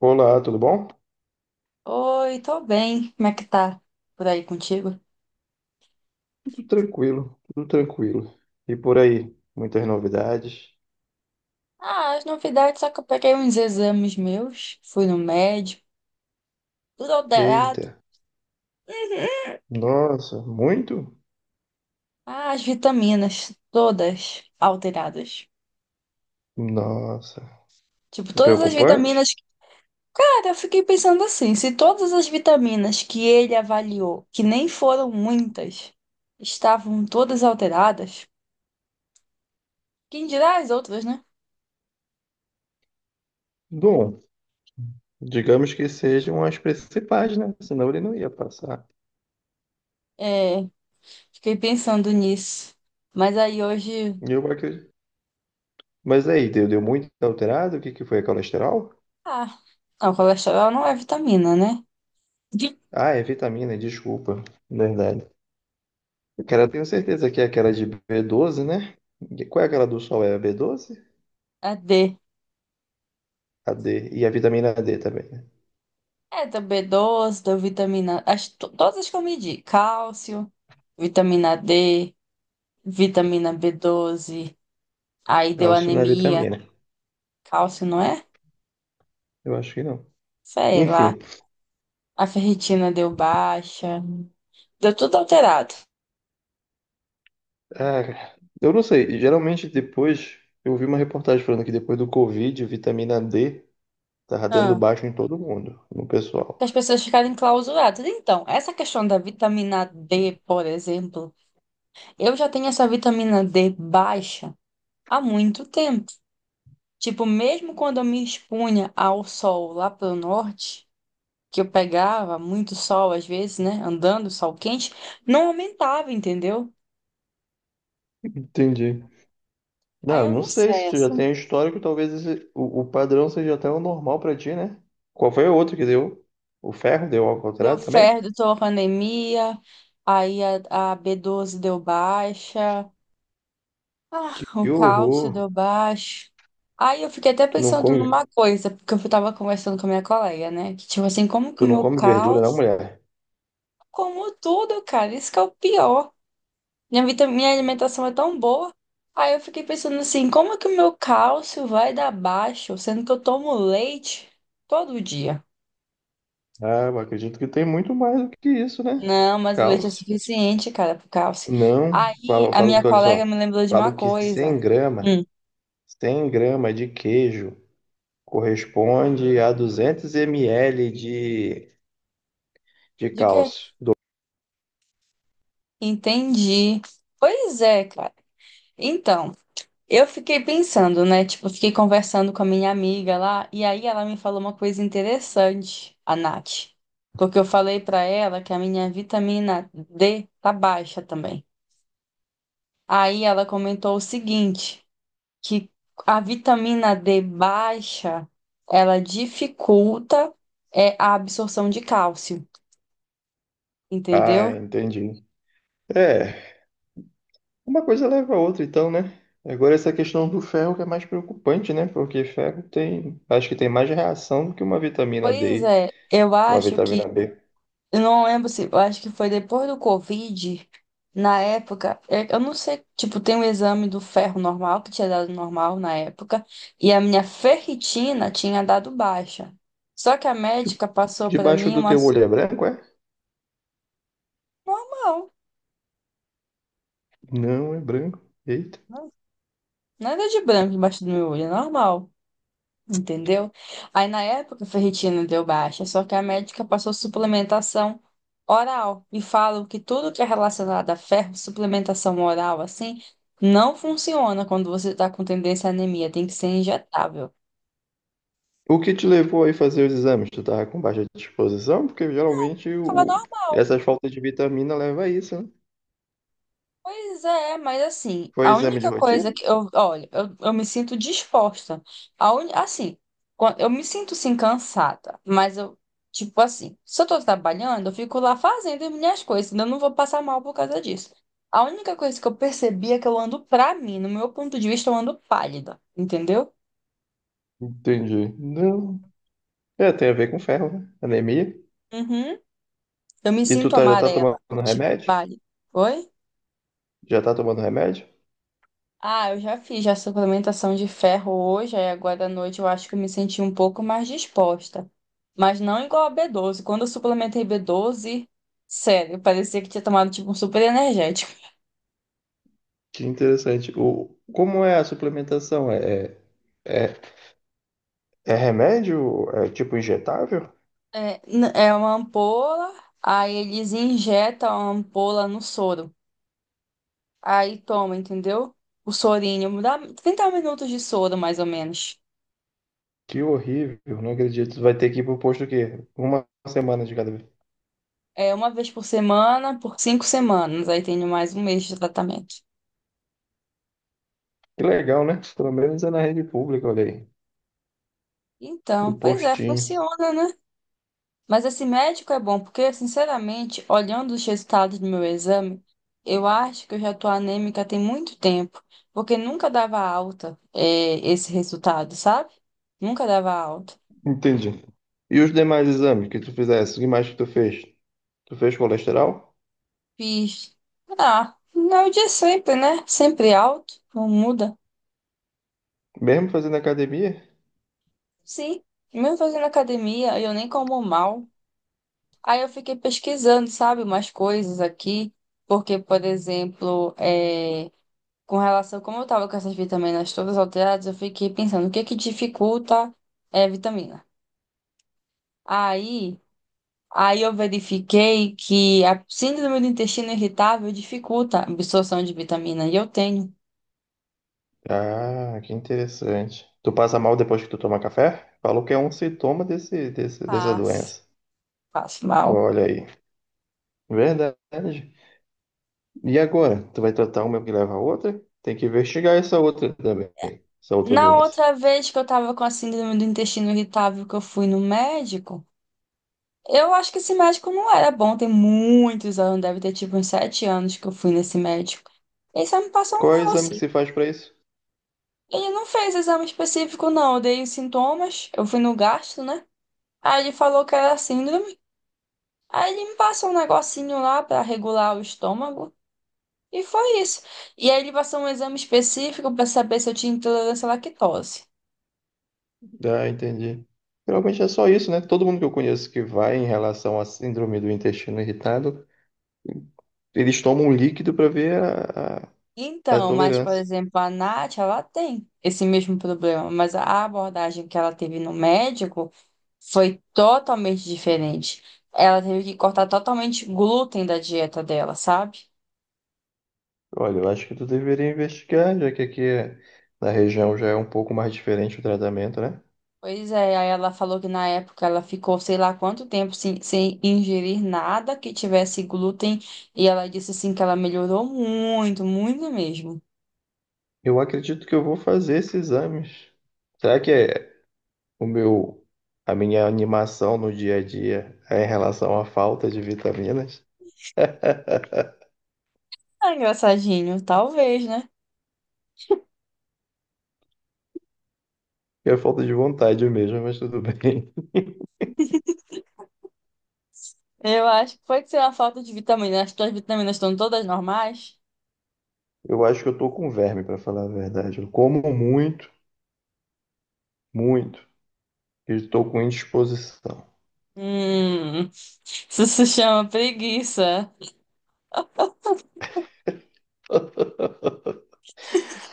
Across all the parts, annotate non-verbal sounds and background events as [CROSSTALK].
Olá, tudo bom? Oi, tô bem. Como é que tá por aí contigo? Tudo tranquilo, tudo tranquilo. E por aí, muitas novidades. Ah, as novidades, só que eu peguei uns exames meus, fui no médico, tudo alterado. Eita, nossa, muito? Ah, as vitaminas, todas alteradas. Nossa, Tipo, todas as preocupante? vitaminas. Cara, eu fiquei pensando assim, se todas as vitaminas que ele avaliou, que nem foram muitas, estavam todas alteradas, quem dirá as outras, né? Bom, digamos que sejam as principais, né? Senão ele não ia passar. É, fiquei pensando nisso. Mas aí hoje. Eu acredito. Mas aí, deu muito alterado? O que que foi? É colesterol? Ah, não, colesterol não é vitamina, né? [LAUGHS] Ah, é vitamina, desculpa. Verdade. Cara, eu tenho certeza que é aquela de B12, né? Qual é aquela do sol? É a B12? É D. A D. E a vitamina D também, né? É da B12 da vitamina. As, todas as que eu medi: cálcio, vitamina D, vitamina B12. Aí deu Cálcio não é anemia. vitamina. Cálcio, não é? Eu acho que não. Sei lá. Enfim, A ferritina deu baixa. Deu tudo alterado. ah, eu não sei. Geralmente depois, eu vi uma reportagem falando que depois do Covid, vitamina D tava dando Ah, baixo em todo mundo, no pessoal. que as pessoas ficarem clausuradas. Então, essa questão da vitamina D, por exemplo, eu já tenho essa vitamina D baixa há muito tempo. Tipo, mesmo quando eu me expunha ao sol lá pelo norte, que eu pegava muito sol às vezes, né? Andando, sol quente, não aumentava, entendeu? Entendi. Não, Aí eu eu não não sei se sei, tu já assim, tem histórico, talvez o padrão seja até o normal pra ti, né? Qual foi o outro que deu? O ferro deu ao deu contrário também? ferro, a anemia, aí a B12 deu baixa, ah, o Que cálcio horror! deu baixo. Aí eu fiquei até Tu não pensando come, numa coisa, porque eu tava conversando com a minha colega, né? Que tipo assim, como que tu o não meu come verdura, não, cálcio, mulher? como tudo, cara, isso que é o pior. Minha minha alimentação é tão boa. Aí eu fiquei pensando assim, como é que o meu cálcio vai dar baixo, sendo que eu tomo leite todo dia? Ah, eu acredito que tem muito mais do que isso, né? Não, mas o leite é Cálcio. suficiente, cara, pro cálcio. Não, Aí falo, a falo minha que, olha colega me só, lembrou de uma falo que coisa. Hum, 100 grama de queijo corresponde a 200 ml de de quê? cálcio. Entendi. Pois é, cara. Então. Eu fiquei pensando, né? Tipo, eu fiquei conversando com a minha amiga lá, e aí ela me falou uma coisa interessante, a Nath. Porque eu falei pra ela que a minha vitamina D tá baixa também. Aí ela comentou o seguinte, que a vitamina D baixa, ela dificulta a absorção de cálcio, Ah, entendeu? entendi. É, uma coisa leva a outra então, né? Agora essa questão do ferro que é mais preocupante, né? Porque ferro tem, acho que tem mais reação do que uma vitamina Pois D, é, eu uma acho que vitamina B. eu não lembro se, eu acho que foi depois do Covid, na época, eu não sei, tipo, tem um exame do ferro normal, que tinha dado normal na época, e a minha ferritina tinha dado baixa. Só que a De- médica passou pra Debaixo mim do uma teu assim, olho é branco, é? normal, Não, é branco. Eita. né? Nada de branco embaixo do meu olho, é normal. Entendeu? Aí na época a ferritina deu baixa, só que a médica passou suplementação oral e falam que tudo que é relacionado a ferro, suplementação oral assim, não funciona quando você está com tendência à anemia, tem que ser injetável. O que te levou aí fazer os exames? Tu tava com baixa disposição? Porque geralmente o... essas faltas de vitamina leva a isso, né? Pois é, mas assim, Foi a exame de única coisa rotina? que eu, olha, eu me sinto disposta. Assim, eu me sinto sim cansada, mas eu, tipo assim, se eu tô trabalhando, eu fico lá fazendo as minhas coisas, senão eu não vou passar mal por causa disso. A única coisa que eu percebi é que eu ando, pra mim, no meu ponto de vista, eu ando pálida, entendeu? Entendi. Não. É, tem a ver com ferro, né? Anemia. Uhum. Eu me E tu sinto tá, já tá amarela, tomando tipo remédio? pálida. Oi? Já tá tomando remédio? Ah, eu já fiz já suplementação de ferro hoje, aí agora à noite eu acho que eu me senti um pouco mais disposta. Mas não igual a B12. Quando eu suplementei B12, sério, parecia que tinha tomado tipo um super energético. Que interessante. O... Como é a suplementação? É, é remédio? É tipo injetável? É, é uma ampola, aí eles injetam a ampola no soro. Aí toma, entendeu? O sorinho, dá 30 minutos de soro, mais ou menos. Que horrível, não acredito. Tu vai ter que ir pro posto o quê? Uma semana de cada vez. É uma vez por semana, por 5 semanas. Aí tem mais um mês de tratamento. Que legal, né? Pelo menos é na rede pública, olha aí. Então, Do pois é, postinho. funciona, né? Mas esse médico é bom, porque, sinceramente, olhando os resultados do meu exame, eu acho que eu já tô anêmica tem muito tempo, porque nunca dava alta, esse resultado, sabe? Nunca dava alta. Entendi. E os demais exames que tu fizesse? O que mais que tu fez? Tu fez colesterol? Fiz. Ah, não é o de sempre, né? Sempre alto, não muda. Mesmo fazendo academia? Sim, mesmo fazendo academia, eu nem como mal. Aí eu fiquei pesquisando, sabe, umas coisas aqui, porque, por exemplo, com relação, como eu tava com essas vitaminas todas alteradas, eu fiquei pensando, o que é que dificulta vitamina? Aí, aí eu verifiquei que a síndrome do intestino irritável dificulta a absorção de vitamina, e eu tenho. Ah, que interessante. Tu passa mal depois que tu toma café? Falou que é um sintoma dessa Faz, doença. faz mal. Olha aí. Verdade. E agora? Tu vai tratar uma que leva a outra? Tem que investigar essa outra também. Essa outra Na doença. outra vez que eu tava com a síndrome do intestino irritável, que eu fui no médico, eu acho que esse médico não era bom, tem muitos anos, deve ter tipo uns 7 anos que eu fui nesse médico. Ele só me passou um Qual é o exame que negocinho. se faz pra isso? Ele não fez exame específico, não. Eu dei os sintomas, eu fui no gastro, né? Aí ele falou que era síndrome. Aí ele me passou um negocinho lá pra regular o estômago. E foi isso. E aí ele passou um exame específico pra saber se eu tinha intolerância à lactose. Ah, entendi. Geralmente é só isso, né? Todo mundo que eu conheço que vai em relação à síndrome do intestino irritado, eles tomam um líquido para ver a Então, mas, por tolerância. exemplo, a Nath, ela tem esse mesmo problema, mas a abordagem que ela teve no médico foi totalmente diferente. Ela teve que cortar totalmente glúten da dieta dela, sabe? Olha, eu acho que tu deveria investigar, já que na região já é um pouco mais diferente o tratamento, né? Pois é, aí ela falou que na época ela ficou sei lá quanto tempo sem ingerir nada que tivesse glúten e ela disse assim que ela melhorou muito, muito mesmo. Eu acredito que eu vou fazer esses exames. Será que é o meu, a minha animação no dia a dia é em relação à falta de vitaminas? [LAUGHS] Ah, engraçadinho, talvez, né? É falta de vontade mesmo, mas tudo [LAUGHS] bem. Eu acho que pode ser uma falta de vitamina. As tuas vitaminas estão todas normais? Eu acho que eu tô com verme, para falar a verdade. Eu como muito, muito, e estou com indisposição. Hum, [LAUGHS] isso se chama preguiça.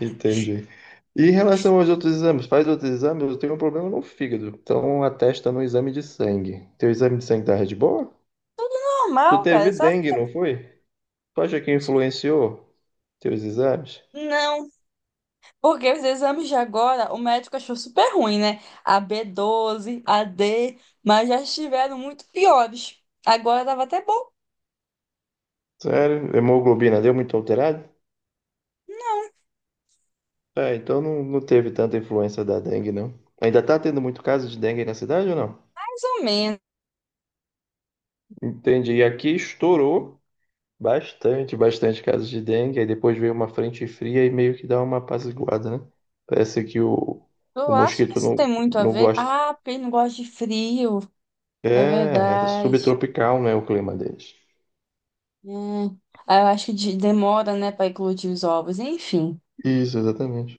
Entendi. E em relação aos outros exames, faz outros exames, eu tenho um problema no fígado. Então atesta no exame de sangue. Teu exame de sangue tá de boa? Tu Normal, cara, teve sabe? dengue, não foi? Tu acha que influenciou teus exames? Não. Porque os exames de agora, o médico achou super ruim, né? A b doze, a D, mas já estiveram muito piores. Agora tava até bom. Sério? Hemoglobina deu muito alterada? É, então não teve tanta influência da dengue, não. Ainda tá tendo muito caso de dengue na cidade ou não? Entendi. E aqui estourou. Bastante, bastante casos de dengue. Aí depois veio uma frente fria e meio que dá uma apaziguada, né? Parece que o, Eu o acho que mosquito isso não, tem muito a não ver. gosta. Ah, porque ele não gosta de frio. É É, é verdade. subtropical, né, o clima deles. Hum. Ah, eu acho que demora, né, para eclodir os ovos. Enfim. Isso, exatamente.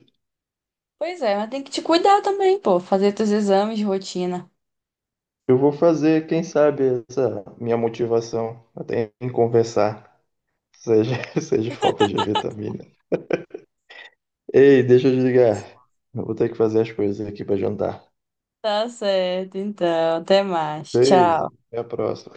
Pois é, mas tem que te cuidar também, pô. Fazer teus exames de rotina. Eu vou fazer, quem sabe, essa minha motivação até em conversar seja, [LAUGHS] seja falta de vitamina. Ei, deixa eu desligar. Eu vou ter que fazer as coisas aqui para jantar. Tá certo, então. Até mais. Beijo, Tchau. até a próxima.